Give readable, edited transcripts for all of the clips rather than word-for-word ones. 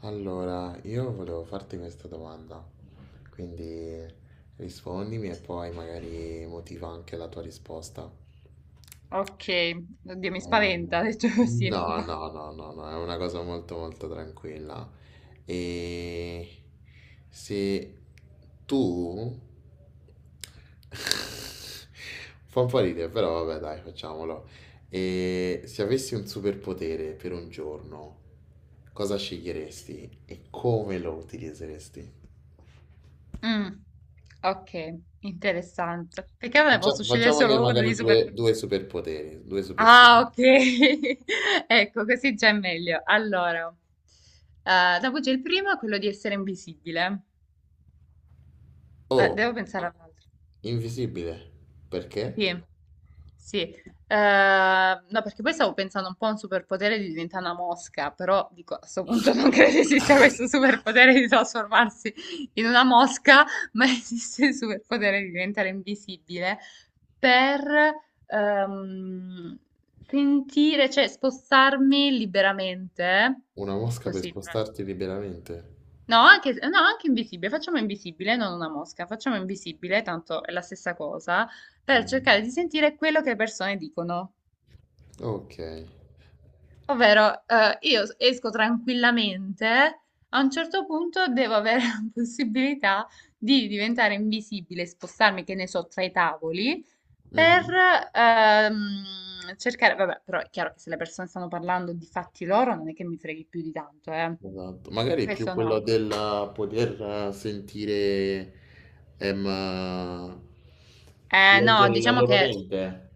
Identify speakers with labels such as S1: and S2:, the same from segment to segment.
S1: Allora, io volevo farti questa domanda, quindi rispondimi e poi magari motiva anche la tua risposta.
S2: Ok, oddio, mi
S1: Eh,
S2: spaventa, detto così.
S1: No,
S2: Vai.
S1: no, no, no, no, è una cosa molto molto tranquilla. E se tu... Fa un po' ridere, però vabbè, dai, facciamolo. E se avessi un superpotere per un giorno, cosa sceglieresti e come lo utilizzeresti?
S2: Mm, ok, interessante. Perché non ne posso scegliere
S1: Facciamone
S2: solo uno
S1: magari
S2: di super...
S1: due, due superpoteri, due
S2: Ah,
S1: superpoteri.
S2: ok. Ecco, così già è meglio. Allora, dopo c'è il primo, quello di essere invisibile. Eh,
S1: Oh,
S2: devo pensare all'altro.
S1: invisibile, perché?
S2: Sì, sì. No, perché poi stavo pensando un po' a un superpotere di diventare una mosca, però dico, a questo punto non credo esista questo superpotere di trasformarsi in una mosca, ma esiste il superpotere di diventare invisibile per ehm, sentire, cioè spostarmi liberamente,
S1: Una mosca per
S2: così.
S1: spostarti liberamente?
S2: No, anche, no, anche invisibile, facciamo invisibile, non una mosca, facciamo invisibile, tanto è la stessa cosa, per
S1: Mm.
S2: cercare di sentire quello che le persone dicono.
S1: Ok.
S2: Ovvero, io esco tranquillamente, a un certo punto devo avere la possibilità di diventare invisibile, spostarmi, che ne so, tra i tavoli, per
S1: Mhm.
S2: cercare, vabbè, però è chiaro che se le persone stanno parlando di fatti loro, non è che mi freghi più di tanto, eh.
S1: Esatto. Magari più
S2: Questo
S1: quello
S2: no.
S1: del poter sentire, ehm,
S2: No,
S1: leggere la
S2: diciamo
S1: loro
S2: che...
S1: mente.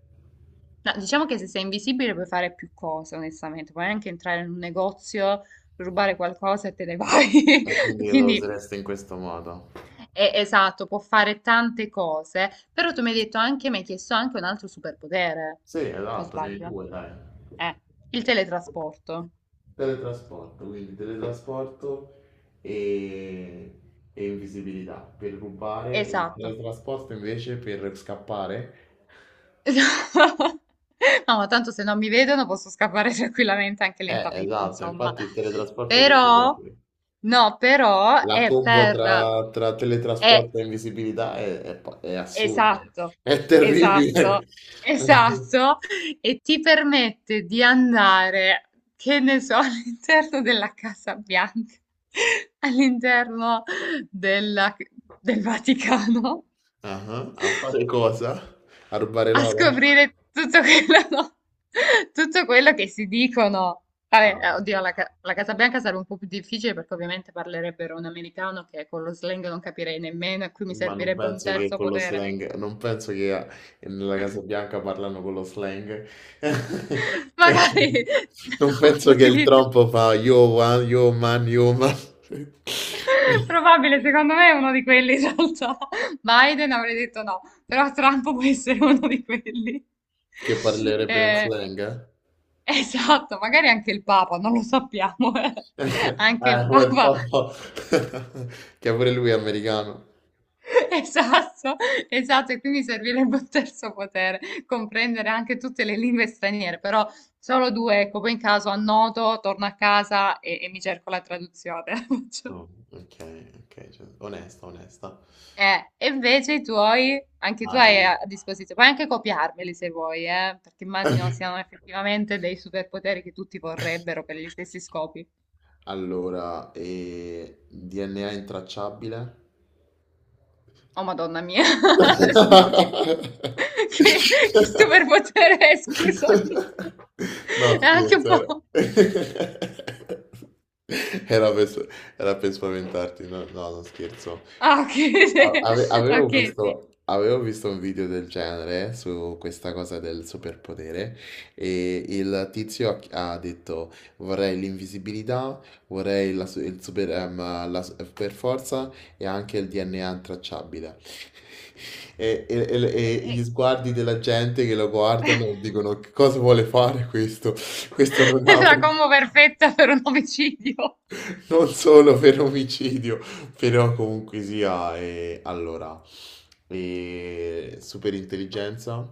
S2: No, diciamo che se sei invisibile puoi fare più cose, onestamente. Puoi anche entrare in un negozio, rubare qualcosa e te ne vai.
S1: E quindi lo
S2: Quindi,
S1: usereste in questo modo.
S2: esatto, può fare tante cose. Però tu mi hai detto anche, mi hai chiesto anche un altro superpotere.
S1: Sì,
S2: O
S1: esatto, dei
S2: sbaglio?
S1: due, dai.
S2: Eh, il teletrasporto.
S1: Teletrasporto, quindi teletrasporto e, e invisibilità per rubare, e il
S2: Esatto.
S1: teletrasporto invece per scappare.
S2: No, ma tanto se non mi vedono posso scappare tranquillamente, anche lentamente,
S1: Esatto,
S2: insomma.
S1: infatti il teletrasporto che ti
S2: Però,
S1: serve?
S2: no, però
S1: La
S2: è
S1: combo
S2: per...
S1: tra
S2: È,
S1: teletrasporto e invisibilità è è assurda,
S2: Esatto,
S1: è
S2: esatto,
S1: terribile.
S2: esatto, e ti permette di andare, che ne so, all'interno della Casa Bianca, all'interno della- del Vaticano,
S1: Ah, a fare cosa? A rubare
S2: a
S1: l'oro?
S2: scoprire tutto quello, no, tutto quello che si dicono. Vabbè,
S1: Ah,
S2: oddio, la Casa Bianca sarebbe un po' più difficile perché ovviamente parlerebbero un americano che con lo slang non capirei nemmeno e qui mi
S1: ma non
S2: servirebbe un
S1: penso che
S2: terzo
S1: con lo
S2: potere.
S1: slang, non penso che nella Casa Bianca parlano con lo slang. Penso-
S2: Magari
S1: non
S2: Trump
S1: penso che il
S2: utilizza...
S1: Trump fa yo one, yo man,
S2: Probabile, secondo me è uno di quelli in realtà. Biden avrei detto no, però Trump può essere uno di quelli.
S1: che parlerebbe nel
S2: Eh,
S1: slang, eh?
S2: esatto, magari anche il Papa, non lo sappiamo, eh. Anche il
S1: Eh, quel
S2: Papa,
S1: popolo che pure lui è americano.
S2: esatto, esatto, e quindi servirebbe un terzo potere, comprendere anche tutte le lingue straniere, però solo due, ecco, poi in caso annoto, torno a casa e mi cerco la traduzione.
S1: No, ok, ok, cioè, onesta, onesta.
S2: E invece i tuoi, anche tu hai
S1: All-
S2: a disposizione, puoi anche copiarmeli se vuoi, perché immagino siano effettivamente dei superpoteri che tutti vorrebbero per gli stessi scopi.
S1: Allora, e DNA intracciabile?
S2: Oh, Madonna mia, se no, che, che superpotere è, scusami.
S1: No,
S2: È anche un
S1: scherzo, era...
S2: po'...
S1: Era per, era per spaventarti, no, no, non scherzo.
S2: Ah, ok, sì. Ok, sì.
S1: Avevo visto un video del genere su questa cosa del superpotere e il tizio ha detto vorrei l'invisibilità, vorrei il la super forza e anche il DNA intracciabile. E
S2: Eh,
S1: gli sguardi della gente che lo
S2: eh.
S1: guardano dicono che cosa vuole fare questo? Questo non ha...
S2: La combo perfetta per un omicidio.
S1: Non solo per omicidio, però comunque sia... allora, e super intelligenza,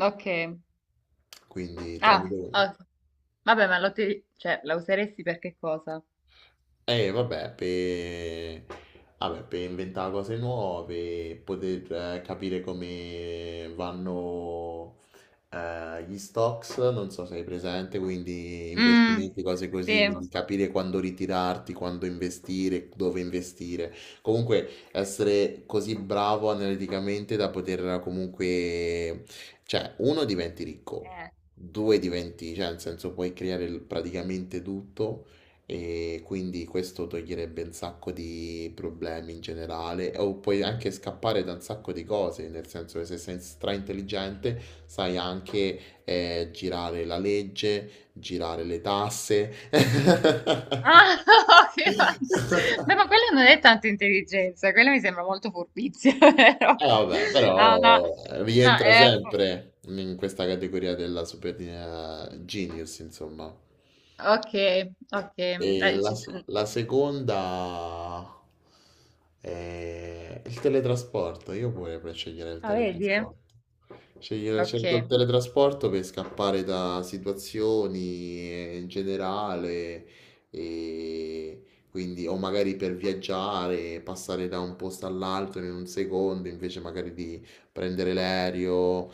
S2: Ok.
S1: quindi
S2: Ah,
S1: tramite...
S2: ok. Vabbè, ma cioè, la useresti per che cosa?
S1: Eh, vabbè, per... vabbè, per inventare cose nuove, poter capire come vanno gli stocks, non so se hai presente, quindi
S2: Mh,
S1: investimenti, cose
S2: sì.
S1: così, quindi
S2: Cos
S1: capire quando ritirarti, quando investire, dove investire. Comunque essere così bravo analiticamente da poter comunque, cioè, uno diventi ricco,
S2: eh.
S1: due diventi, cioè, nel senso puoi creare praticamente tutto. E quindi questo toglierebbe un sacco di problemi in generale, o puoi anche scappare da un sacco di cose, nel senso che se sei straintelligente sai anche girare la legge, girare le tasse.
S2: Ah, che fanta ma quella non è tanta intelligenza, quella mi sembra molto furbizia,
S1: Eh
S2: vero?
S1: vabbè,
S2: Ah, no,
S1: però
S2: no,
S1: rientra
S2: è po
S1: sempre in questa categoria della super genius, insomma.
S2: okay, okay,
S1: E
S2: dai, ci s
S1: la seconda è il teletrasporto. Io pure per scegliere il
S2: ah, vedi?
S1: teletrasporto. Scegliere, scelgo il
S2: Okay,
S1: teletrasporto per scappare da situazioni in generale, e quindi, o magari per viaggiare, passare da un posto all'altro in un secondo, invece magari di prendere l'aereo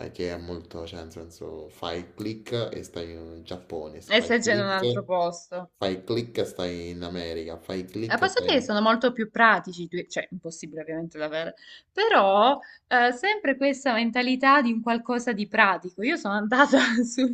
S1: che è molto, cioè, nel senso, fai click e stai in Giappone,
S2: e stai già in un altro posto.
S1: fai click e stai in America, fai
S2: A
S1: click e
S2: posso
S1: stai
S2: dire che
S1: in...
S2: sono molto più pratici, cioè impossibile ovviamente da avere, però sempre questa mentalità di un qualcosa di pratico. Io sono andata sul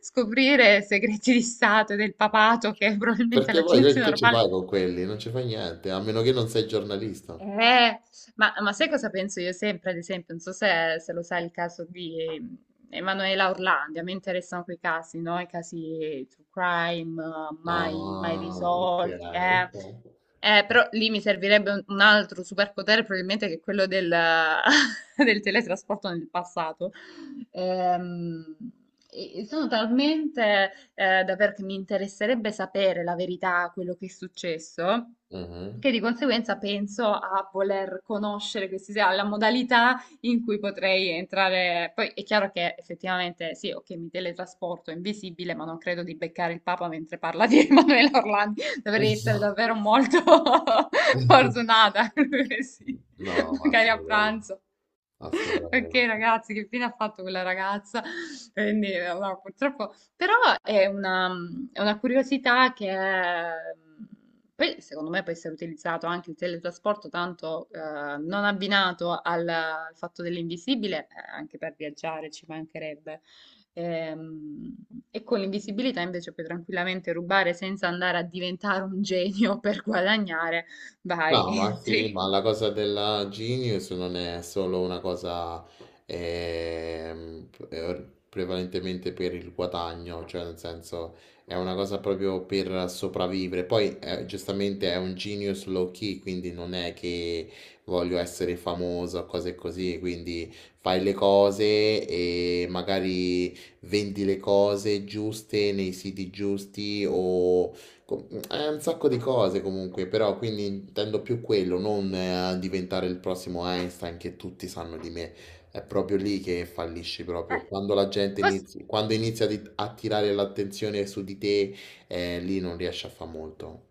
S2: scoprire segreti di Stato e del papato che probabilmente
S1: Perché
S2: la
S1: poi
S2: gente
S1: che ci
S2: normale
S1: fai con quelli? Non ci fai niente, a meno che non sei giornalista.
S2: eh, ma sai cosa penso io sempre, ad esempio, non so se lo sai il caso di Emanuela Orlandi, a me interessano quei casi, no? I casi true crime, mai, mai
S1: Ah, ok,
S2: risolti.
S1: ok.
S2: Però lì mi servirebbe un altro superpotere, probabilmente che è quello del, del teletrasporto nel passato. Ehm, e sono talmente da perché mi interesserebbe sapere la verità, quello che è successo,
S1: Mhm.
S2: che di conseguenza penso a voler conoscere questi, la modalità in cui potrei entrare. Poi è chiaro che effettivamente sì, ok, mi teletrasporto invisibile, ma non credo di beccare il Papa mentre parla di Emanuele Orlandi. Dovrei essere davvero molto fortunata. Sì,
S1: No, ma
S2: magari a
S1: assolutamente,
S2: pranzo. Ok,
S1: assolutamente.
S2: ragazzi, che fine ha fatto quella ragazza? Quindi, no, purtroppo. Però è una, è una curiosità poi, secondo me può essere utilizzato anche il teletrasporto, tanto non abbinato al fatto dell'invisibile, anche per viaggiare ci mancherebbe. Ehm, E, con l'invisibilità invece puoi tranquillamente rubare senza andare a diventare un genio per guadagnare. Vai,
S1: No, ma sì,
S2: entri.
S1: ma la cosa della Genius non è solo una cosa prevalentemente per il guadagno, cioè nel senso è una cosa proprio per sopravvivere. Poi giustamente è un Genius low key, quindi non è che voglio essere famoso o cose così, quindi fai le cose e magari vendi le cose giuste nei siti giusti o È un sacco di cose comunque, però quindi intendo più quello, non diventare il prossimo Einstein che tutti sanno di me. È proprio lì che fallisci proprio.
S2: Eh,
S1: Quando la gente
S2: posso-
S1: quando inizia a a tirare l'attenzione su di te, lì non riesci a fare molto.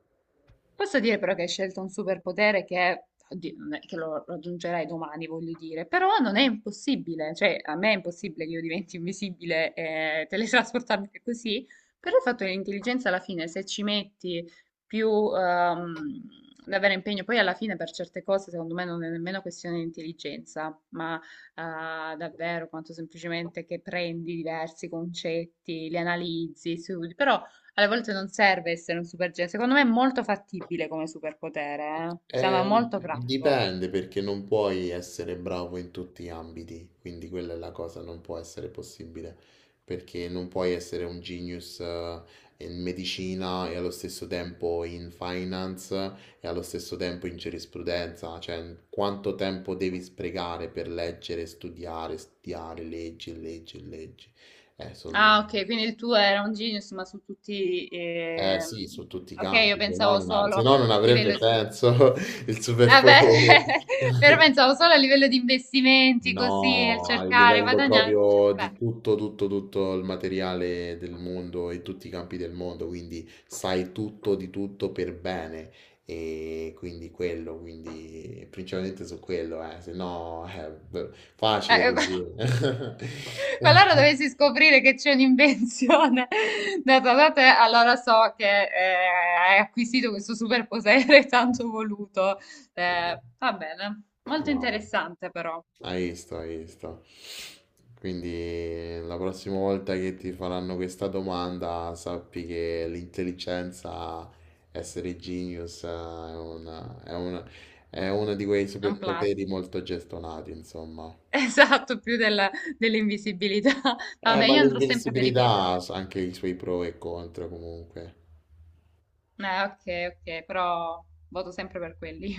S2: Posso dire però che hai scelto un superpotere che, oddio, non è che lo raggiungerai domani, voglio dire, però non è impossibile, cioè a me è impossibile che io diventi invisibile e teletrasportarmi così, però il fatto che l'intelligenza alla fine, se ci metti più ehm, davvero impegno, poi alla fine per certe cose secondo me non è nemmeno questione di intelligenza, ma davvero quanto semplicemente che prendi diversi concetti, li analizzi, studi, però alle volte non serve essere un supergenio. Secondo me è molto fattibile come superpotere, eh. Sembra molto pratico.
S1: Dipende perché non puoi essere bravo in tutti gli ambiti, quindi quella è la cosa, non può essere possibile, perché non puoi essere un genius in medicina e allo stesso tempo in finance e allo stesso tempo in giurisprudenza, cioè quanto tempo devi sprecare per leggere, studiare, studiare, leggi, e leggi, e leggi. Eh, son-
S2: Ah, ok, quindi il tuo era un genius, ma su tutti...
S1: sì, su tutti i
S2: ok, io
S1: campi, se no
S2: pensavo
S1: non,
S2: solo
S1: se
S2: a
S1: no non avrebbe
S2: livello di...
S1: senso il
S2: Ah, beh,
S1: superpotere.
S2: però pensavo solo a livello di investimenti, così, nel
S1: No, a
S2: cercare,
S1: livello
S2: guadagnare, dicevo,
S1: proprio di
S2: beh.
S1: tutto, tutto, tutto il materiale del mondo e tutti i campi del mondo, quindi sai tutto di tutto per bene e quindi quello, quindi principalmente su quello, se no è facile
S2: Eh, eh,
S1: così.
S2: Qualora dovessi scoprire che c'è un'invenzione data da te, allora so che hai acquisito questo superpotere tanto voluto. Va bene, molto
S1: No.
S2: interessante però,
S1: Hai visto, hai visto. Quindi la prossima volta che ti faranno questa domanda, sappi che l'intelligenza, essere genius, è una, è uno di quei
S2: è un plus.
S1: superpoteri molto gestonati, insomma.
S2: Esatto, più dell'invisibilità. Vabbè,
S1: Ma
S2: io andrò sempre per i
S1: l'invincibilità
S2: miei però.
S1: ha anche i suoi pro e contro comunque.
S2: Eh, ok, ok, però voto sempre per quelli.